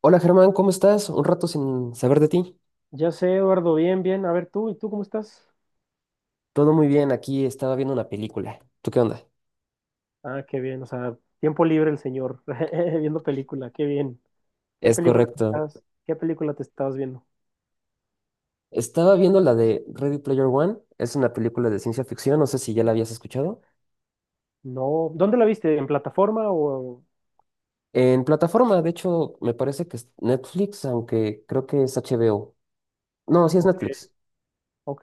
Hola Germán, ¿cómo estás? Un rato sin saber de ti. Ya sé, Eduardo, bien, bien. A ver, tú, ¿y tú cómo estás? Todo muy bien, aquí estaba viendo una película. ¿Tú qué onda? Ah, qué bien, o sea, tiempo libre el señor, viendo película, qué bien. ¿Qué Es película te correcto. estás, ¿qué película te estabas viendo? Estaba viendo la de Ready Player One. Es una película de ciencia ficción, no sé si ya la habías escuchado. No, ¿dónde la viste? ¿En plataforma o...? En plataforma, de hecho, me parece que es Netflix, aunque creo que es HBO. No, sí es Ok, Netflix. ok.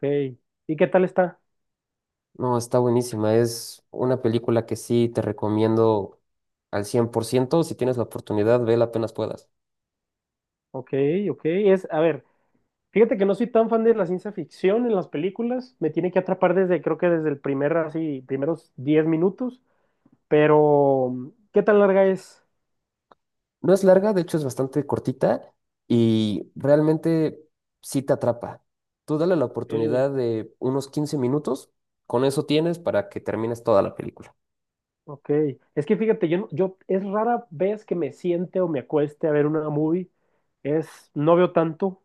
¿Y qué tal está? No, está buenísima. Es una película que sí te recomiendo al 100%. Si tienes la oportunidad, vela apenas puedas. Ok, ok. Es, a ver, fíjate que no soy tan fan de la ciencia ficción en las películas. Me tiene que atrapar desde, creo que desde el primer, así, primeros 10 minutos. Pero, ¿qué tan larga es? No es larga, de hecho es bastante cortita y realmente sí te atrapa. Tú dale la Ok, oportunidad de unos 15 minutos, con eso tienes para que termines toda la película. ok, es que fíjate, yo, yo es rara vez que me siente o me acueste a ver una movie, no veo tanto.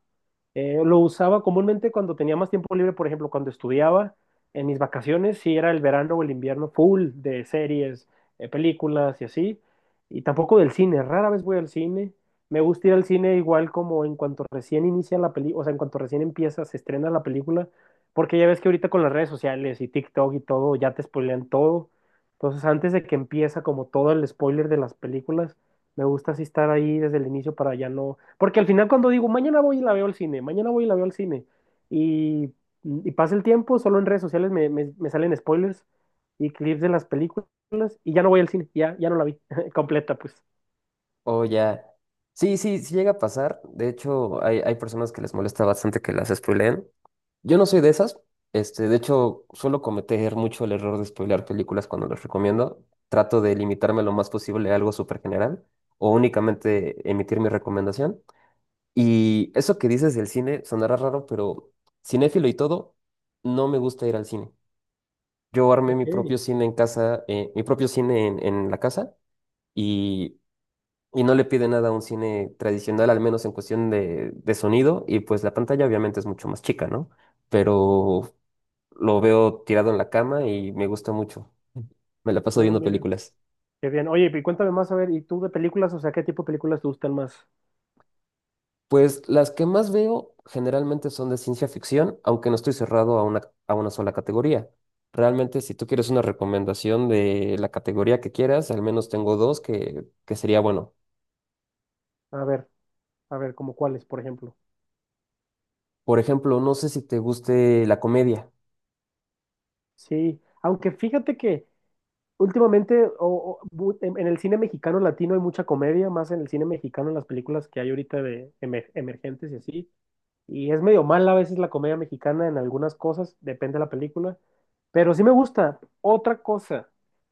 Lo usaba comúnmente cuando tenía más tiempo libre, por ejemplo, cuando estudiaba, en mis vacaciones, si era el verano o el invierno, full de series, películas y así, y tampoco del cine, rara vez voy al cine. Me gusta ir al cine igual como en cuanto recién inicia la película, o sea, en cuanto recién empieza, se estrena la película, porque ya ves que ahorita con las redes sociales y TikTok y todo, ya te spoilean todo. Entonces, antes de que empieza como todo el spoiler de las películas, me gusta así estar ahí desde el inicio para ya no. Porque al final, cuando digo mañana voy y la veo al cine, mañana voy y la veo al cine, y, y pasa el tiempo, solo en redes sociales me salen spoilers y clips de las películas, y ya no voy al cine, ya, ya no la vi completa, pues. O ya. Sí, sí, sí llega a pasar. De hecho, hay personas que les molesta bastante que las spoileen. Yo no soy de esas. De hecho, suelo cometer mucho el error de spoilear películas cuando las recomiendo. Trato de limitarme lo más posible a algo súper general o únicamente emitir mi recomendación. Y eso que dices del cine sonará raro, pero cinéfilo y todo, no me gusta ir al cine. Yo armé mi Ok, propio cine en casa, mi propio cine en la casa y, y no le pide nada a un cine tradicional, al menos en cuestión de sonido. Y pues la pantalla obviamente es mucho más chica, ¿no? Pero lo veo tirado en la cama y me gusta mucho. Me la paso ah, viendo mira, películas. qué bien. Oye, y cuéntame más, a ver, ¿y tú de películas? O sea, ¿qué tipo de películas te gustan más? Pues las que más veo generalmente son de ciencia ficción, aunque no estoy cerrado a una sola categoría. Realmente, si tú quieres una recomendación de la categoría que quieras, al menos tengo dos que sería bueno. A ver, a ver, como cuáles, por ejemplo. Por ejemplo, no sé si te guste la comedia. Sí, aunque fíjate que últimamente, en el cine mexicano latino hay mucha comedia, más en el cine mexicano, en las películas que hay ahorita de emergentes y así. Y es medio mala a veces la comedia mexicana en algunas cosas, depende de la película. Pero sí me gusta. Otra cosa,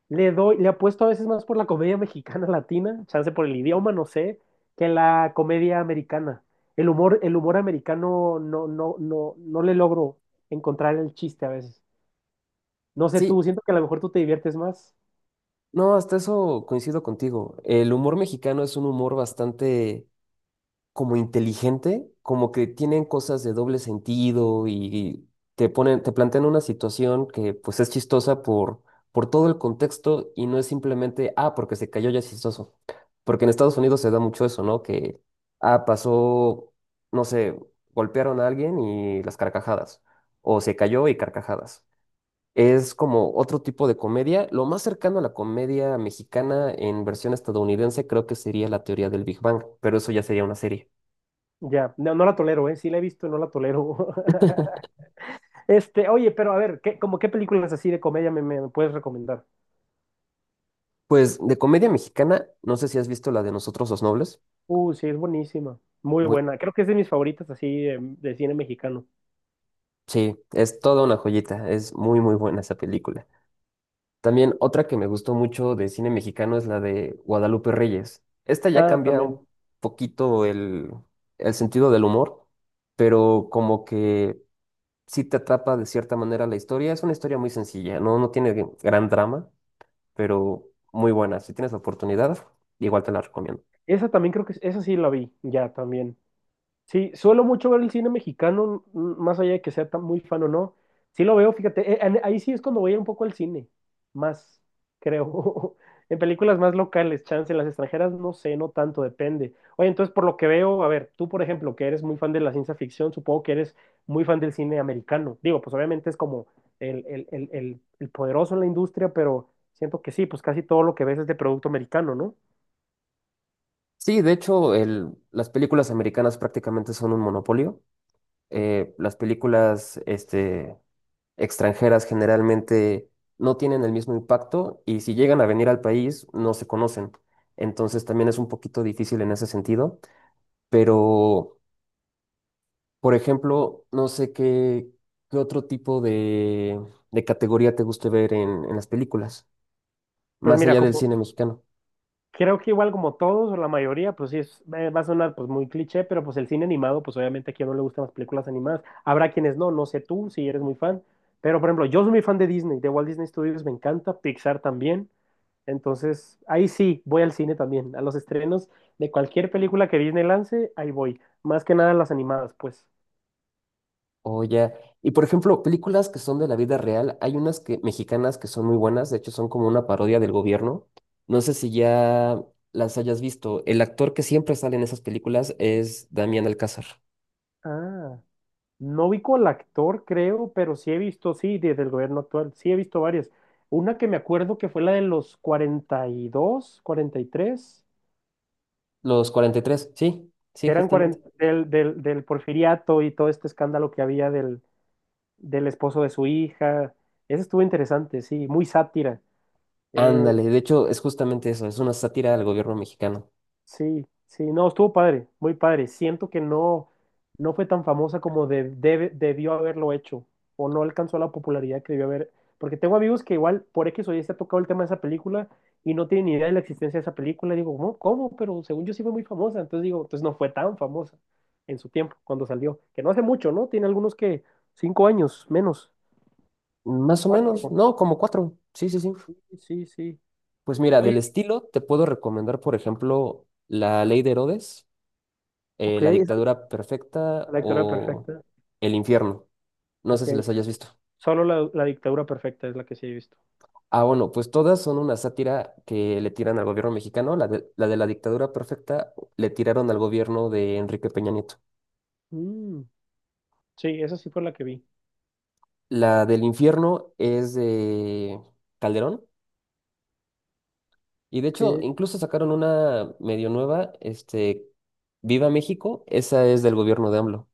le apuesto a veces más por la comedia mexicana latina, chance por el idioma, no sé, que la comedia americana. El humor americano no le logro encontrar el chiste a veces. No sé tú, Sí, siento que a lo mejor tú te diviertes más. no, hasta eso coincido contigo. El humor mexicano es un humor bastante como inteligente, como que tienen cosas de doble sentido y te plantean una situación que pues es chistosa por todo el contexto y no es simplemente, ah, porque se cayó ya es chistoso. Porque en Estados Unidos se da mucho eso, ¿no? Que, ah, pasó, no sé, golpearon a alguien y las carcajadas, o se cayó y carcajadas. Es como otro tipo de comedia. Lo más cercano a la comedia mexicana en versión estadounidense creo que sería la teoría del Big Bang, pero eso ya sería una serie. Ya, no, no la tolero, ¿eh? Sí la he visto y no la tolero. Este, oye, pero a ver, como qué películas así de comedia me puedes recomendar? Pues de comedia mexicana, no sé si has visto la de Nosotros los Nobles. Sí, es buenísima. Muy Bu- buena. Creo que es de mis favoritas así de cine mexicano. sí, es toda una joyita, es muy muy buena esa película. También otra que me gustó mucho de cine mexicano es la de Guadalupe Reyes. Esta ya Ah, cambia un también. poquito el sentido del humor, pero como que sí te atrapa de cierta manera la historia. Es una historia muy sencilla, no, no tiene gran drama, pero muy buena. Si tienes la oportunidad, igual te la recomiendo. Esa también creo que, esa sí la vi, ya, también. Sí, suelo mucho ver el cine mexicano, más allá de que sea tan muy fan o no. Sí lo veo, fíjate, ahí sí es cuando voy un poco al cine, más, creo. En películas más locales, chance, en las extranjeras no sé, no tanto, depende. Oye, entonces por lo que veo, a ver, tú por ejemplo, que eres muy fan de la ciencia ficción, supongo que eres muy fan del cine americano. Digo, pues obviamente es como el poderoso en la industria, pero siento que sí, pues casi todo lo que ves es de producto americano, ¿no? Sí, de hecho, las películas americanas prácticamente son un monopolio. Las películas extranjeras generalmente no tienen el mismo impacto y si llegan a venir al país no se conocen. Entonces también es un poquito difícil en ese sentido. Pero, por ejemplo, no sé qué otro tipo de categoría te guste ver en las películas, Pues más mira, allá del cine como, mexicano. creo que igual como todos o la mayoría, pues sí, es, va a sonar pues muy cliché, pero pues el cine animado, pues obviamente a quien no le gustan las películas animadas, habrá quienes no, no sé tú si eres muy fan, pero por ejemplo, yo soy muy fan de Disney, de Walt Disney Studios me encanta, Pixar también, entonces ahí sí, voy al cine también, a los estrenos de cualquier película que Disney lance, ahí voy, más que nada las animadas, pues. Oh, ya. Y por ejemplo, películas que son de la vida real, hay unas que mexicanas que son muy buenas, de hecho son como una parodia del gobierno. No sé si ya las hayas visto. El actor que siempre sale en esas películas es Damián Alcázar. Ah. No vi con el actor, creo, pero sí he visto, sí, desde el gobierno actual, sí he visto varias. Una que me acuerdo que fue la de los 42, 43, Los 43, sí, sí, que eran justamente. 40 del Porfiriato y todo este escándalo que había del esposo de su hija. Esa estuvo interesante, sí, muy sátira. Eh, Ándale, de hecho es justamente eso, es una sátira al gobierno mexicano. Sí, sí, no, estuvo padre, muy padre. Siento que no, no fue tan famosa como debió haberlo hecho, o no alcanzó la popularidad que debió haber. Porque tengo amigos que igual por X o Y se ha tocado el tema de esa película y no tienen ni idea de la existencia de esa película. Digo, ¿cómo? ¿Cómo? Pero según yo sí fue muy famosa. Entonces digo, entonces no fue tan famosa en su tiempo, cuando salió. Que no hace mucho, ¿no? Tiene algunos que 5 años, menos. Más o menos, Cuatro. no, como cuatro. Sí, sí, sí. Sí, sí. Pues mira, del Oye, estilo te puedo recomendar, por ejemplo, La Ley de Herodes, ok, La esa es dictadura perfecta la dictadura o perfecta. El infierno. No sé Ok, si las hayas visto. solo la, la dictadura perfecta es la que sí he visto. Ah, bueno, pues todas son una sátira que le tiran al gobierno mexicano. La de la dictadura perfecta le tiraron al gobierno de Enrique Peña Nieto. Mm, sí, esa sí fue la que vi. La del infierno es de Calderón. Y de Ok, hecho, incluso sacaron una medio nueva, Viva México. Esa es del gobierno de AMLO.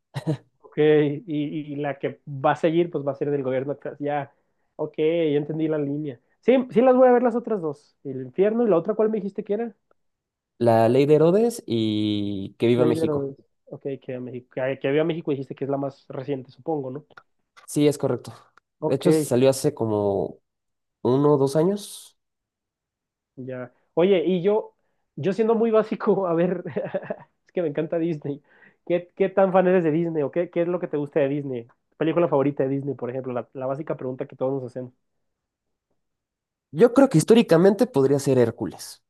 ok, y la que va a seguir, pues va a ser del gobierno acá. Ya, ok, ya entendí la línea. Sí, sí las voy a ver las otras dos. El infierno y la otra, ¿cuál me dijiste que era? La ley de Herodes y Que Viva Lady México. Herodes. Ok, que vio a México y dijiste que es la más reciente, supongo, ¿no? Sí, es correcto. De hecho, Ok. salió hace como 1 o 2 años. Ya. Oye, y yo siendo muy básico, a ver, es que me encanta Disney. ¿Qué, qué tan fan eres de Disney o qué, qué es lo que te gusta de Disney? ¿Tu ¿Película favorita de Disney, por ejemplo? La básica pregunta que todos nos hacemos. Yo creo que históricamente podría ser Hércules.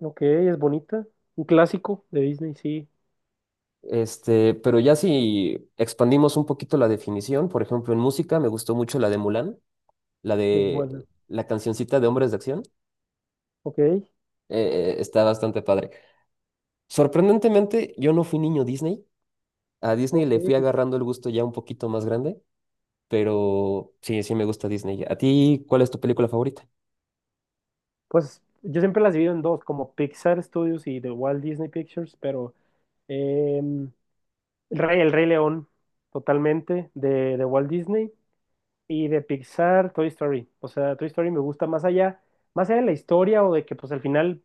Ok, es bonita. Un clásico de Disney, sí, Pero ya si expandimos un poquito la definición, por ejemplo, en música me gustó mucho la de Mulan, la es de buena. la cancioncita de Hombres de Acción, Ok, está bastante padre. Sorprendentemente, yo no fui niño Disney. A Disney le fui ok. agarrando el gusto ya un poquito más grande, pero sí, sí me gusta Disney. ¿A ti cuál es tu película favorita? Pues yo siempre las divido en dos, como Pixar Studios y The Walt Disney Pictures, pero em, el Rey León, totalmente, de Walt Disney. Y de Pixar, Toy Story. O sea, Toy Story me gusta más allá de la historia o de que pues al final,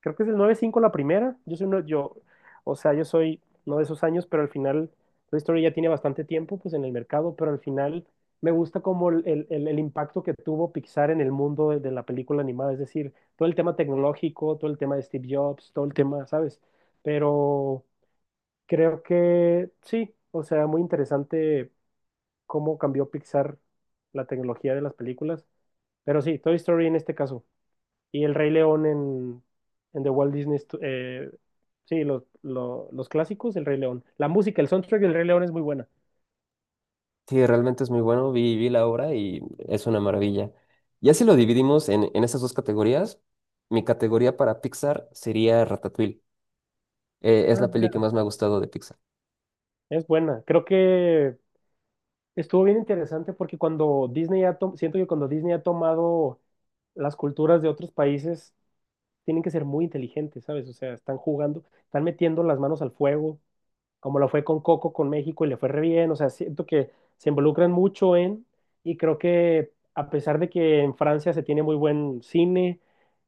creo que es el 95 la primera. Yo soy uno, yo, o sea, yo soy no de esos años, pero al final Toy Story ya tiene bastante tiempo pues en el mercado, pero al final me gusta como el impacto que tuvo Pixar en el mundo de la película animada. Es decir, todo el tema tecnológico, todo el tema de Steve Jobs, todo el tema, ¿sabes? Pero creo que sí, o sea, muy interesante cómo cambió Pixar la tecnología de las películas. Pero sí, Toy Story en este caso. Y El Rey León en The Walt Disney. Sí, los clásicos, El Rey León. La música, el soundtrack del Rey León es muy buena. Sí, realmente es muy bueno. Vi la obra y es una maravilla. Ya si lo dividimos en esas dos categorías, mi categoría para Pixar sería Ratatouille. Es Ah, la peli mira. que más me ha gustado de Pixar. Es buena. Creo que estuvo bien interesante porque cuando Disney siento que cuando Disney ha tomado las culturas de otros países, tienen que ser muy inteligentes, ¿sabes? O sea, están jugando, están metiendo las manos al fuego como lo fue con Coco, con México y le fue re bien. O sea, siento que se involucran mucho en, y creo que a pesar de que en Francia se tiene muy buen cine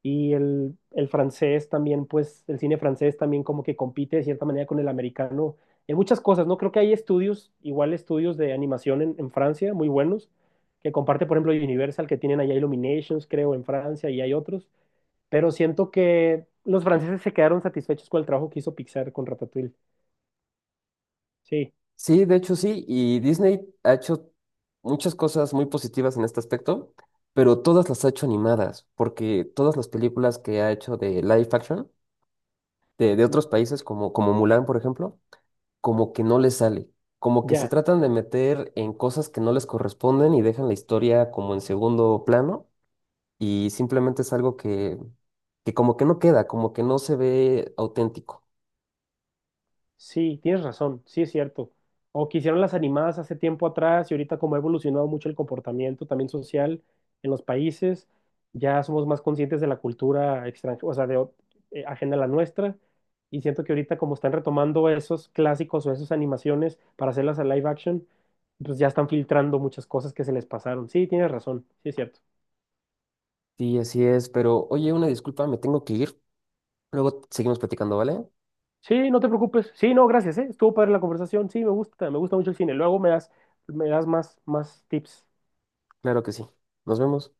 y el francés también, pues el cine francés también como que compite de cierta manera con el americano en muchas cosas, ¿no? Creo que hay estudios, igual estudios de animación en Francia, muy buenos, que comparte, por ejemplo, Universal, que tienen allá Illuminations, creo, en Francia y hay otros, pero siento que los franceses se quedaron satisfechos con el trabajo que hizo Pixar con Ratatouille. Sí. Sí, de hecho sí, y Disney ha hecho muchas cosas muy positivas en este aspecto, pero todas las ha hecho animadas, porque todas las películas que ha hecho de live action, de otros países como, Mulan, por ejemplo, como que no les sale, como que se Ya, tratan de meter en cosas que no les corresponden y dejan la historia como en segundo plano y simplemente es algo que como que no queda, como que no se ve auténtico. sí, tienes razón, sí es cierto. O que hicieron las animadas hace tiempo atrás y ahorita como ha evolucionado mucho el comportamiento también social en los países, ya somos más conscientes de la cultura extranjera, o sea, de, ajena a la nuestra. Y siento que ahorita como están retomando esos clásicos o esas animaciones para hacerlas a live action, pues ya están filtrando muchas cosas que se les pasaron. Sí, tienes razón, sí es cierto. Sí, así es, pero oye, una disculpa, me tengo que ir. Luego seguimos platicando, ¿vale? Sí, no te preocupes. Sí, no, gracias, ¿eh? Estuvo padre la conversación. Sí, me gusta mucho el cine. Luego me das más, más tips. Claro que sí. Nos vemos.